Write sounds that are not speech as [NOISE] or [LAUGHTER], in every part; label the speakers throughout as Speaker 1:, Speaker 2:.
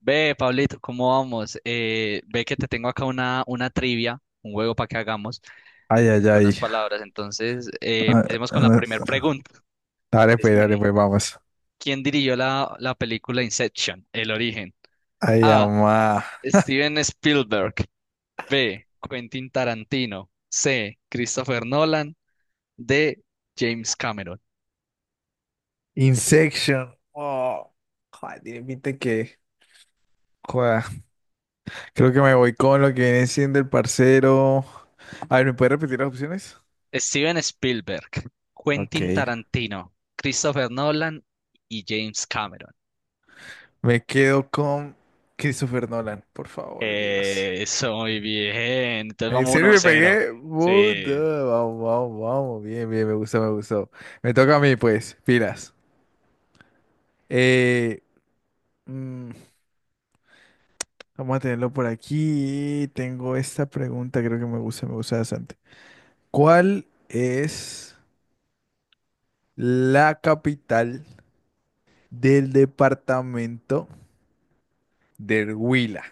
Speaker 1: Ve, Pablito, ¿cómo vamos? Ve que te tengo acá una trivia, un juego para que hagamos
Speaker 2: Ay, ay,
Speaker 1: de
Speaker 2: ay.
Speaker 1: unas palabras. Entonces,
Speaker 2: Ah,
Speaker 1: empecemos con la primera
Speaker 2: ah.
Speaker 1: pregunta de
Speaker 2: Dale, pues,
Speaker 1: cine.
Speaker 2: vamos.
Speaker 1: ¿Quién dirigió la película Inception, El Origen?
Speaker 2: Ay,
Speaker 1: A.
Speaker 2: amá.
Speaker 1: Steven Spielberg. B. Quentin Tarantino. C. Christopher Nolan. D. James Cameron.
Speaker 2: Insection. Oh, joder, tiene pinta que. Joder. Creo que me voy con lo que viene siendo el parcero. A ver, ¿me puedes repetir las opciones?
Speaker 1: Steven Spielberg,
Speaker 2: Ok.
Speaker 1: Quentin Tarantino, Christopher Nolan y James Cameron.
Speaker 2: Me quedo con Christopher Nolan, por favor, Dios.
Speaker 1: Eso, muy bien. Entonces
Speaker 2: ¿En
Speaker 1: vamos
Speaker 2: serio
Speaker 1: 1
Speaker 2: me
Speaker 1: cero.
Speaker 2: pegué? Puta,
Speaker 1: Sí.
Speaker 2: vamos, vamos, vamos. Bien, bien, me gustó, me gustó. Me toca a mí, pues. Pilas. Eh. mm, Vamos a tenerlo por aquí. Tengo esta pregunta, creo que me gusta bastante. ¿Cuál es la capital del departamento del Huila?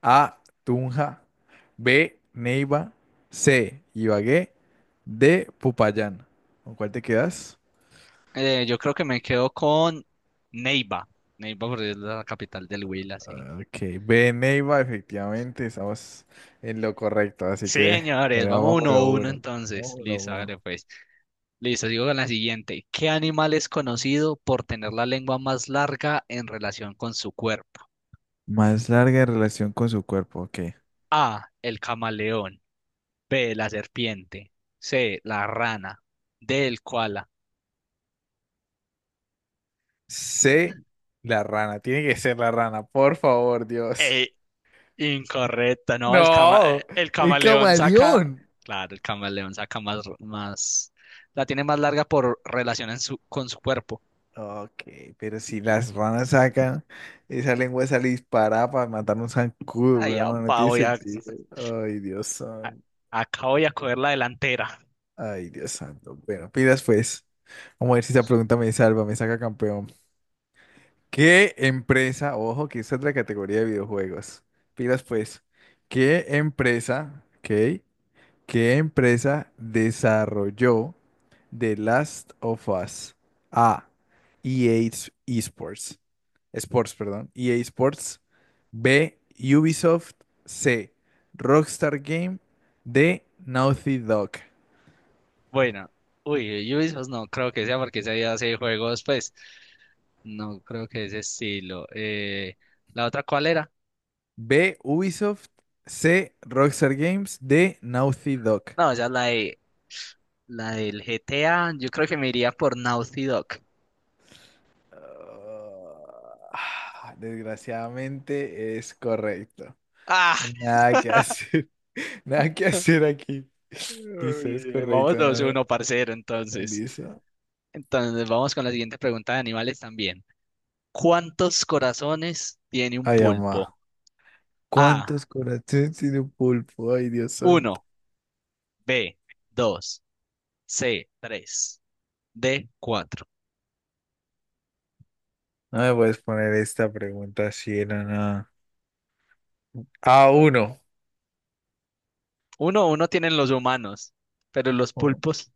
Speaker 2: A, Tunja. B, Neiva. C, Ibagué. D, Popayán. ¿Con cuál te quedas?
Speaker 1: Yo creo que me quedo con Neiva. Neiva porque es la capital del Huila, sí.
Speaker 2: Ah, ok, B, Neiva, efectivamente, estamos en lo correcto, así
Speaker 1: Sí,
Speaker 2: que
Speaker 1: señores,
Speaker 2: bueno,
Speaker 1: vamos
Speaker 2: vamos uno a
Speaker 1: 1 uno
Speaker 2: uno.
Speaker 1: entonces.
Speaker 2: Vamos uno a
Speaker 1: Listo,
Speaker 2: uno.
Speaker 1: hágale pues. Listo, sigo con la siguiente. ¿Qué animal es conocido por tener la lengua más larga en relación con su cuerpo?
Speaker 2: Más larga en relación con su cuerpo, ok.
Speaker 1: A, el camaleón. B, la serpiente. C, la rana. D, el koala.
Speaker 2: C, la rana. Tiene que ser la rana, por favor, Dios.
Speaker 1: Incorrecta, no, el cama,
Speaker 2: No,
Speaker 1: el
Speaker 2: el
Speaker 1: camaleón saca,
Speaker 2: camaleón.
Speaker 1: claro, el camaleón saca más, la tiene más larga por relación en su, con su cuerpo.
Speaker 2: Ok, pero si las ranas sacan esa lengua, sale disparada para matar un zancudo,
Speaker 1: Ay,
Speaker 2: weón. No
Speaker 1: apa,
Speaker 2: tiene sentido. Ay, Dios
Speaker 1: a-
Speaker 2: santo.
Speaker 1: acá voy a coger la delantera.
Speaker 2: Ay, Dios santo. Bueno, pidas pues. Vamos a ver si esa pregunta me salva, me saca campeón. ¿Qué empresa, ojo, que esa es la categoría de videojuegos? Pidas pues. ¿Qué empresa, ok? ¿Qué empresa desarrolló The Last of Us? A. EA Sports. Sports, perdón. EA Sports. B. Ubisoft. C. Rockstar Game. D. Naughty Dog.
Speaker 1: Bueno, uy, Ubisoft no creo que sea porque ese día hace juegos, pues, no creo que ese estilo. ¿La otra cuál era?
Speaker 2: B. Ubisoft. C. Rockstar Games. D. Naughty Dog.
Speaker 1: No, esa es la de, la del GTA, yo creo que me iría por Naughty Dog.
Speaker 2: Ah, desgraciadamente es correcto.
Speaker 1: Ah,
Speaker 2: Nada que hacer. [LAUGHS] Nada que
Speaker 1: [LAUGHS]
Speaker 2: hacer aquí. Listo, es
Speaker 1: uy, vamos
Speaker 2: correcto.
Speaker 1: 2-1, parcero, entonces.
Speaker 2: Listo.
Speaker 1: Entonces vamos con la siguiente pregunta de animales también. ¿Cuántos corazones tiene un
Speaker 2: Ay, mamá.
Speaker 1: pulpo? A,
Speaker 2: ¿Cuántos corazones tiene un pulpo? Ay, Dios santo.
Speaker 1: uno. B, 2. C, 3. D, 4.
Speaker 2: No me puedes poner esta pregunta así era nada. A uno.
Speaker 1: Uno, uno tienen los humanos, pero los
Speaker 2: Oh,
Speaker 1: pulpos...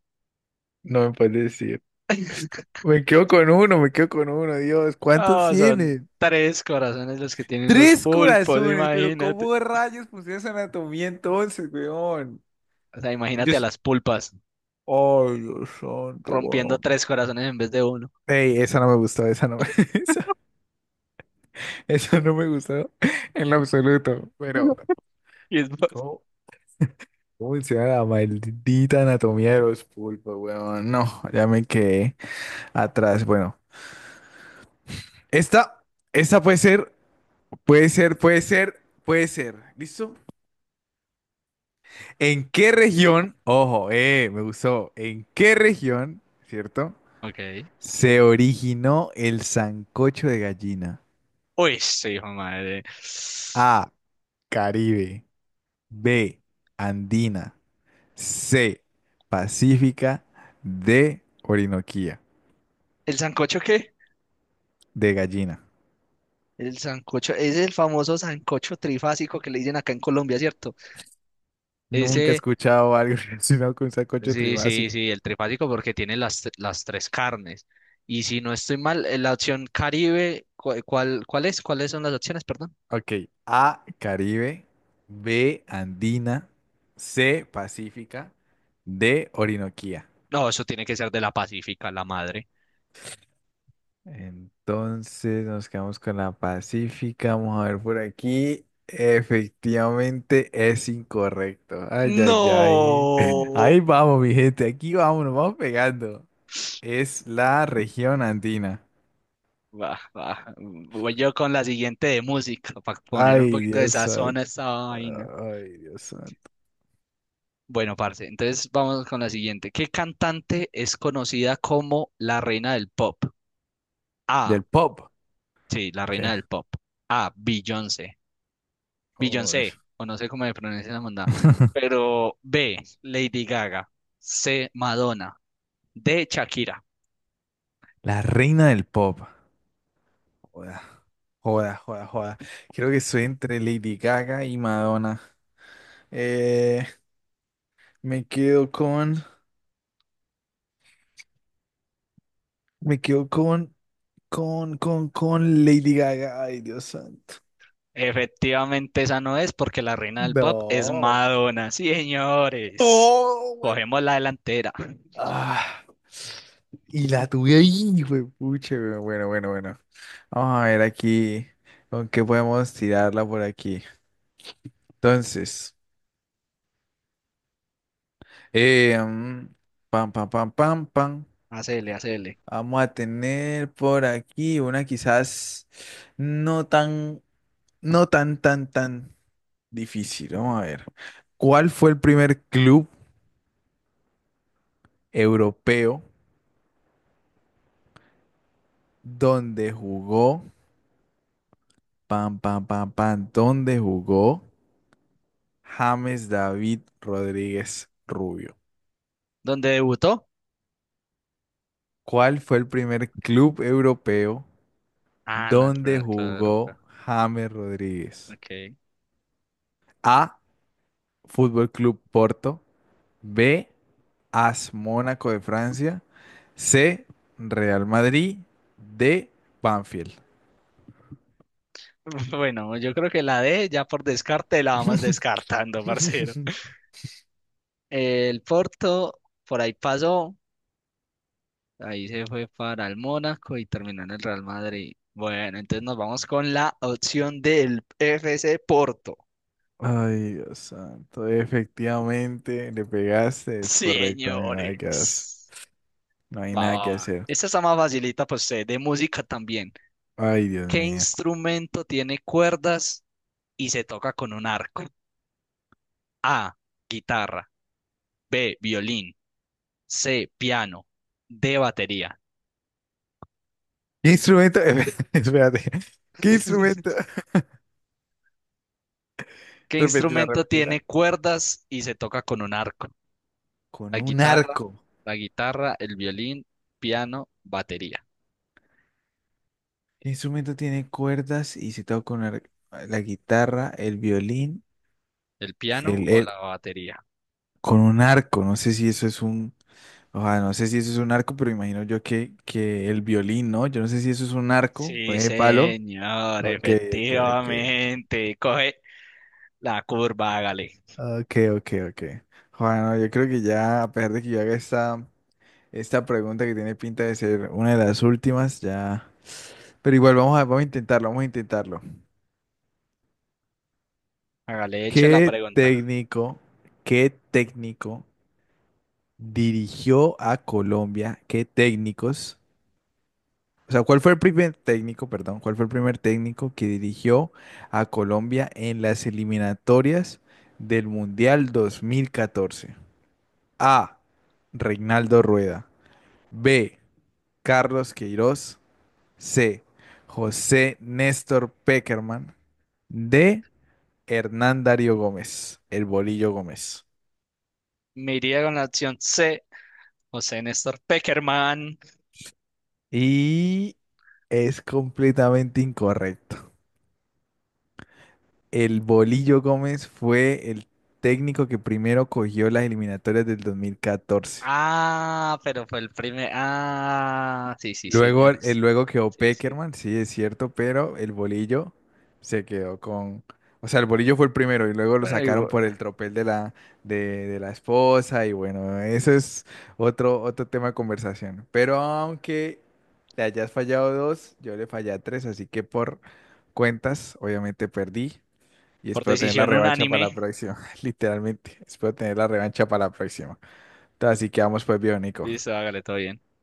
Speaker 2: no me puedes decir.
Speaker 1: [LAUGHS]
Speaker 2: Me quedo con uno, me quedo con uno, Dios. ¿Cuántos
Speaker 1: Ah, son
Speaker 2: tiene?
Speaker 1: tres corazones los que tienen los
Speaker 2: Tres
Speaker 1: pulpos,
Speaker 2: corazones, pero
Speaker 1: imagínate.
Speaker 2: ¿cómo rayos pusieron esa anatomía entonces, weón?
Speaker 1: O sea,
Speaker 2: Yo...
Speaker 1: imagínate a
Speaker 2: s-
Speaker 1: las pulpas
Speaker 2: Ay, Dios santo,
Speaker 1: rompiendo
Speaker 2: weón.
Speaker 1: tres corazones en vez de uno.
Speaker 2: Ey, esa no me gustó, esa no me, [LAUGHS] esa, esa no me gustó en lo absoluto. Pero,
Speaker 1: [LAUGHS] Y es más.
Speaker 2: ¿cómo, cómo menciona la maldita anatomía de los pulpos, weón? No, ya me quedé atrás. Bueno, esta, esta puede ser, puede ser, puede ser, puede ser. ¿Listo? ¿En qué región, ojo, me gustó, ¿en qué región, cierto?
Speaker 1: Ok.
Speaker 2: Se originó el sancocho de gallina.
Speaker 1: Uy, sí, hijo de madre.
Speaker 2: A, Caribe. B, Andina. C. Pacífica. D. Orinoquía.
Speaker 1: ¿El sancocho qué?
Speaker 2: De gallina.
Speaker 1: El sancocho, es el famoso sancocho trifásico que le dicen acá en Colombia, ¿cierto?
Speaker 2: Nunca he
Speaker 1: Ese,
Speaker 2: escuchado algo [LAUGHS] relacionado con sacocho
Speaker 1: sí, sí,
Speaker 2: tribásico.
Speaker 1: sí, el trifásico porque tiene las tres carnes. Y si no estoy mal, la opción Caribe, ¿cuál es? ¿Cuáles son las opciones, perdón?
Speaker 2: Ok. A. Caribe. B. Andina. C. Pacífica. D. Orinoquía.
Speaker 1: No, eso tiene que ser de la Pacífica, la madre.
Speaker 2: Entonces nos quedamos con la Pacífica. Vamos a ver por aquí. Efectivamente es incorrecto. Ay, ay, ay. [LAUGHS]
Speaker 1: No.
Speaker 2: Ahí vamos, mi gente. Aquí vamos, nos vamos pegando. Es la región andina.
Speaker 1: Va, va. Voy yo con la siguiente de música, para poner un
Speaker 2: Ay,
Speaker 1: poquito de
Speaker 2: Dios
Speaker 1: sazón
Speaker 2: santo.
Speaker 1: a esta vaina.
Speaker 2: Ay, Dios santo.
Speaker 1: Bueno, parce, entonces vamos con la siguiente. ¿Qué cantante es conocida como la reina del pop? A,
Speaker 2: Del pop.
Speaker 1: sí, la reina
Speaker 2: ¿Qué?
Speaker 1: del pop. A, Beyoncé.
Speaker 2: Uy.
Speaker 1: Beyoncé, o no sé cómo se pronuncia la mandada.
Speaker 2: [LAUGHS]
Speaker 1: Pero B, Lady Gaga. C, Madonna. D, Shakira.
Speaker 2: La reina del pop. Joda, joda, joda, joda. Creo que soy entre Lady Gaga y Madonna. Eh, me quedo con. Me quedo con. Con Lady Gaga. Ay, Dios santo.
Speaker 1: Efectivamente, esa no es porque la reina del pop es
Speaker 2: No.
Speaker 1: Madonna. Sí, señores.
Speaker 2: ¡Oh!
Speaker 1: Cogemos la delantera.
Speaker 2: Ah, y la tuve ahí, güey, pucha, güey. Bueno, bueno, bueno. Vamos a ver aquí con qué podemos tirarla por aquí. Entonces, eh, mm, pam, pam, pam, pam, pam.
Speaker 1: Hacele, hacele.
Speaker 2: Vamos a tener por aquí una quizás no tan, no tan, tan, tan difícil. Vamos a ver. ¿Cuál fue el primer club europeo donde jugó? Pam, pam, pam, pam. ¿Dónde jugó? James David Rodríguez Rubio.
Speaker 1: ¿Dónde debutó?
Speaker 2: ¿Cuál fue el primer club europeo
Speaker 1: Ah, no, el
Speaker 2: donde
Speaker 1: primer club de Europa.
Speaker 2: jugó James Rodríguez?
Speaker 1: Ok.
Speaker 2: A. Fútbol Club Porto. B. AS Mónaco de Francia. C. Real Madrid. D. Banfield.
Speaker 1: [LAUGHS] Bueno, yo creo que la D ya por descarte la vamos
Speaker 2: [LAUGHS]
Speaker 1: descartando, [LAUGHS] parcero. El Porto por ahí pasó, ahí se fue para el Mónaco y terminó en el Real Madrid. Bueno, entonces nos vamos con la opción del F C Porto.
Speaker 2: Ay, Dios santo. Efectivamente, le pegaste. Es
Speaker 1: Sí,
Speaker 2: correcto. No hay nada que hacer.
Speaker 1: señores.
Speaker 2: No hay
Speaker 1: Va,
Speaker 2: nada
Speaker 1: va,
Speaker 2: que
Speaker 1: va.
Speaker 2: hacer.
Speaker 1: Esta está más facilita para usted, de música también.
Speaker 2: Ay, Dios
Speaker 1: ¿Qué
Speaker 2: mío.
Speaker 1: instrumento tiene cuerdas y se toca con un arco? A, guitarra, B, violín, C, piano, D, batería.
Speaker 2: ¿Qué instrumento? [LAUGHS] Espérate. ¿Qué instrumento?
Speaker 1: [LAUGHS]
Speaker 2: [LAUGHS]
Speaker 1: ¿Qué
Speaker 2: Repetila,
Speaker 1: instrumento
Speaker 2: repetila.
Speaker 1: tiene cuerdas y se toca con un arco?
Speaker 2: Con
Speaker 1: La
Speaker 2: un
Speaker 1: guitarra,
Speaker 2: arco.
Speaker 1: la guitarra, el violín, piano, batería.
Speaker 2: ¿Qué instrumento tiene cuerdas y se toca con la guitarra, el violín,
Speaker 1: ¿El piano
Speaker 2: el,
Speaker 1: o
Speaker 2: el-
Speaker 1: la batería?
Speaker 2: con un arco? No sé si eso es un, ojalá, no sé si eso es un arco, pero imagino yo que el violín, ¿no? Yo no sé si eso es un arco con
Speaker 1: Sí,
Speaker 2: el palo.
Speaker 1: señor,
Speaker 2: Ok, ok, ok.
Speaker 1: efectivamente. Coge la curva, hágale.
Speaker 2: Ok, ok, ok. Bueno, yo creo que ya, a pesar de que yo haga esta pregunta que tiene pinta de ser una de las últimas, ya. Pero igual vamos a intentarlo, vamos a intentarlo.
Speaker 1: Hágale, eche la
Speaker 2: ¿Qué
Speaker 1: pregunta.
Speaker 2: técnico, qué técnico dirigió a Colombia? ¿Qué técnicos? O sea, ¿cuál fue el primer técnico, perdón, cuál fue el primer técnico que dirigió a Colombia en las eliminatorias del Mundial 2014? A. Reinaldo Rueda. B. Carlos Queiroz. C. José Néstor Peckerman. D. Hernán Darío Gómez, el Bolillo Gómez.
Speaker 1: Me iría con la opción C, José Néstor Peckerman.
Speaker 2: Y es completamente incorrecto. El Bolillo Gómez fue el técnico que primero cogió las eliminatorias del 2014.
Speaker 1: Ah, pero fue el primer. Ah, sí, sí,
Speaker 2: Luego,
Speaker 1: señores.
Speaker 2: luego quedó
Speaker 1: Sí, sí.
Speaker 2: Peckerman, sí, es cierto, pero el bolillo se quedó con... O sea, el bolillo fue el primero y luego lo
Speaker 1: Bueno,
Speaker 2: sacaron
Speaker 1: digo,
Speaker 2: por el tropel de la, de, de la esposa y bueno, eso es otro tema de conversación. Pero aunque le hayas fallado dos, yo le fallé a tres, así que por cuentas, obviamente perdí y
Speaker 1: por
Speaker 2: espero tener la
Speaker 1: decisión
Speaker 2: revancha para la
Speaker 1: unánime.
Speaker 2: próxima, [LAUGHS] literalmente. Espero tener la revancha para la próxima. Entonces, así que vamos pues, Bionico.
Speaker 1: Listo, hágale todo bien.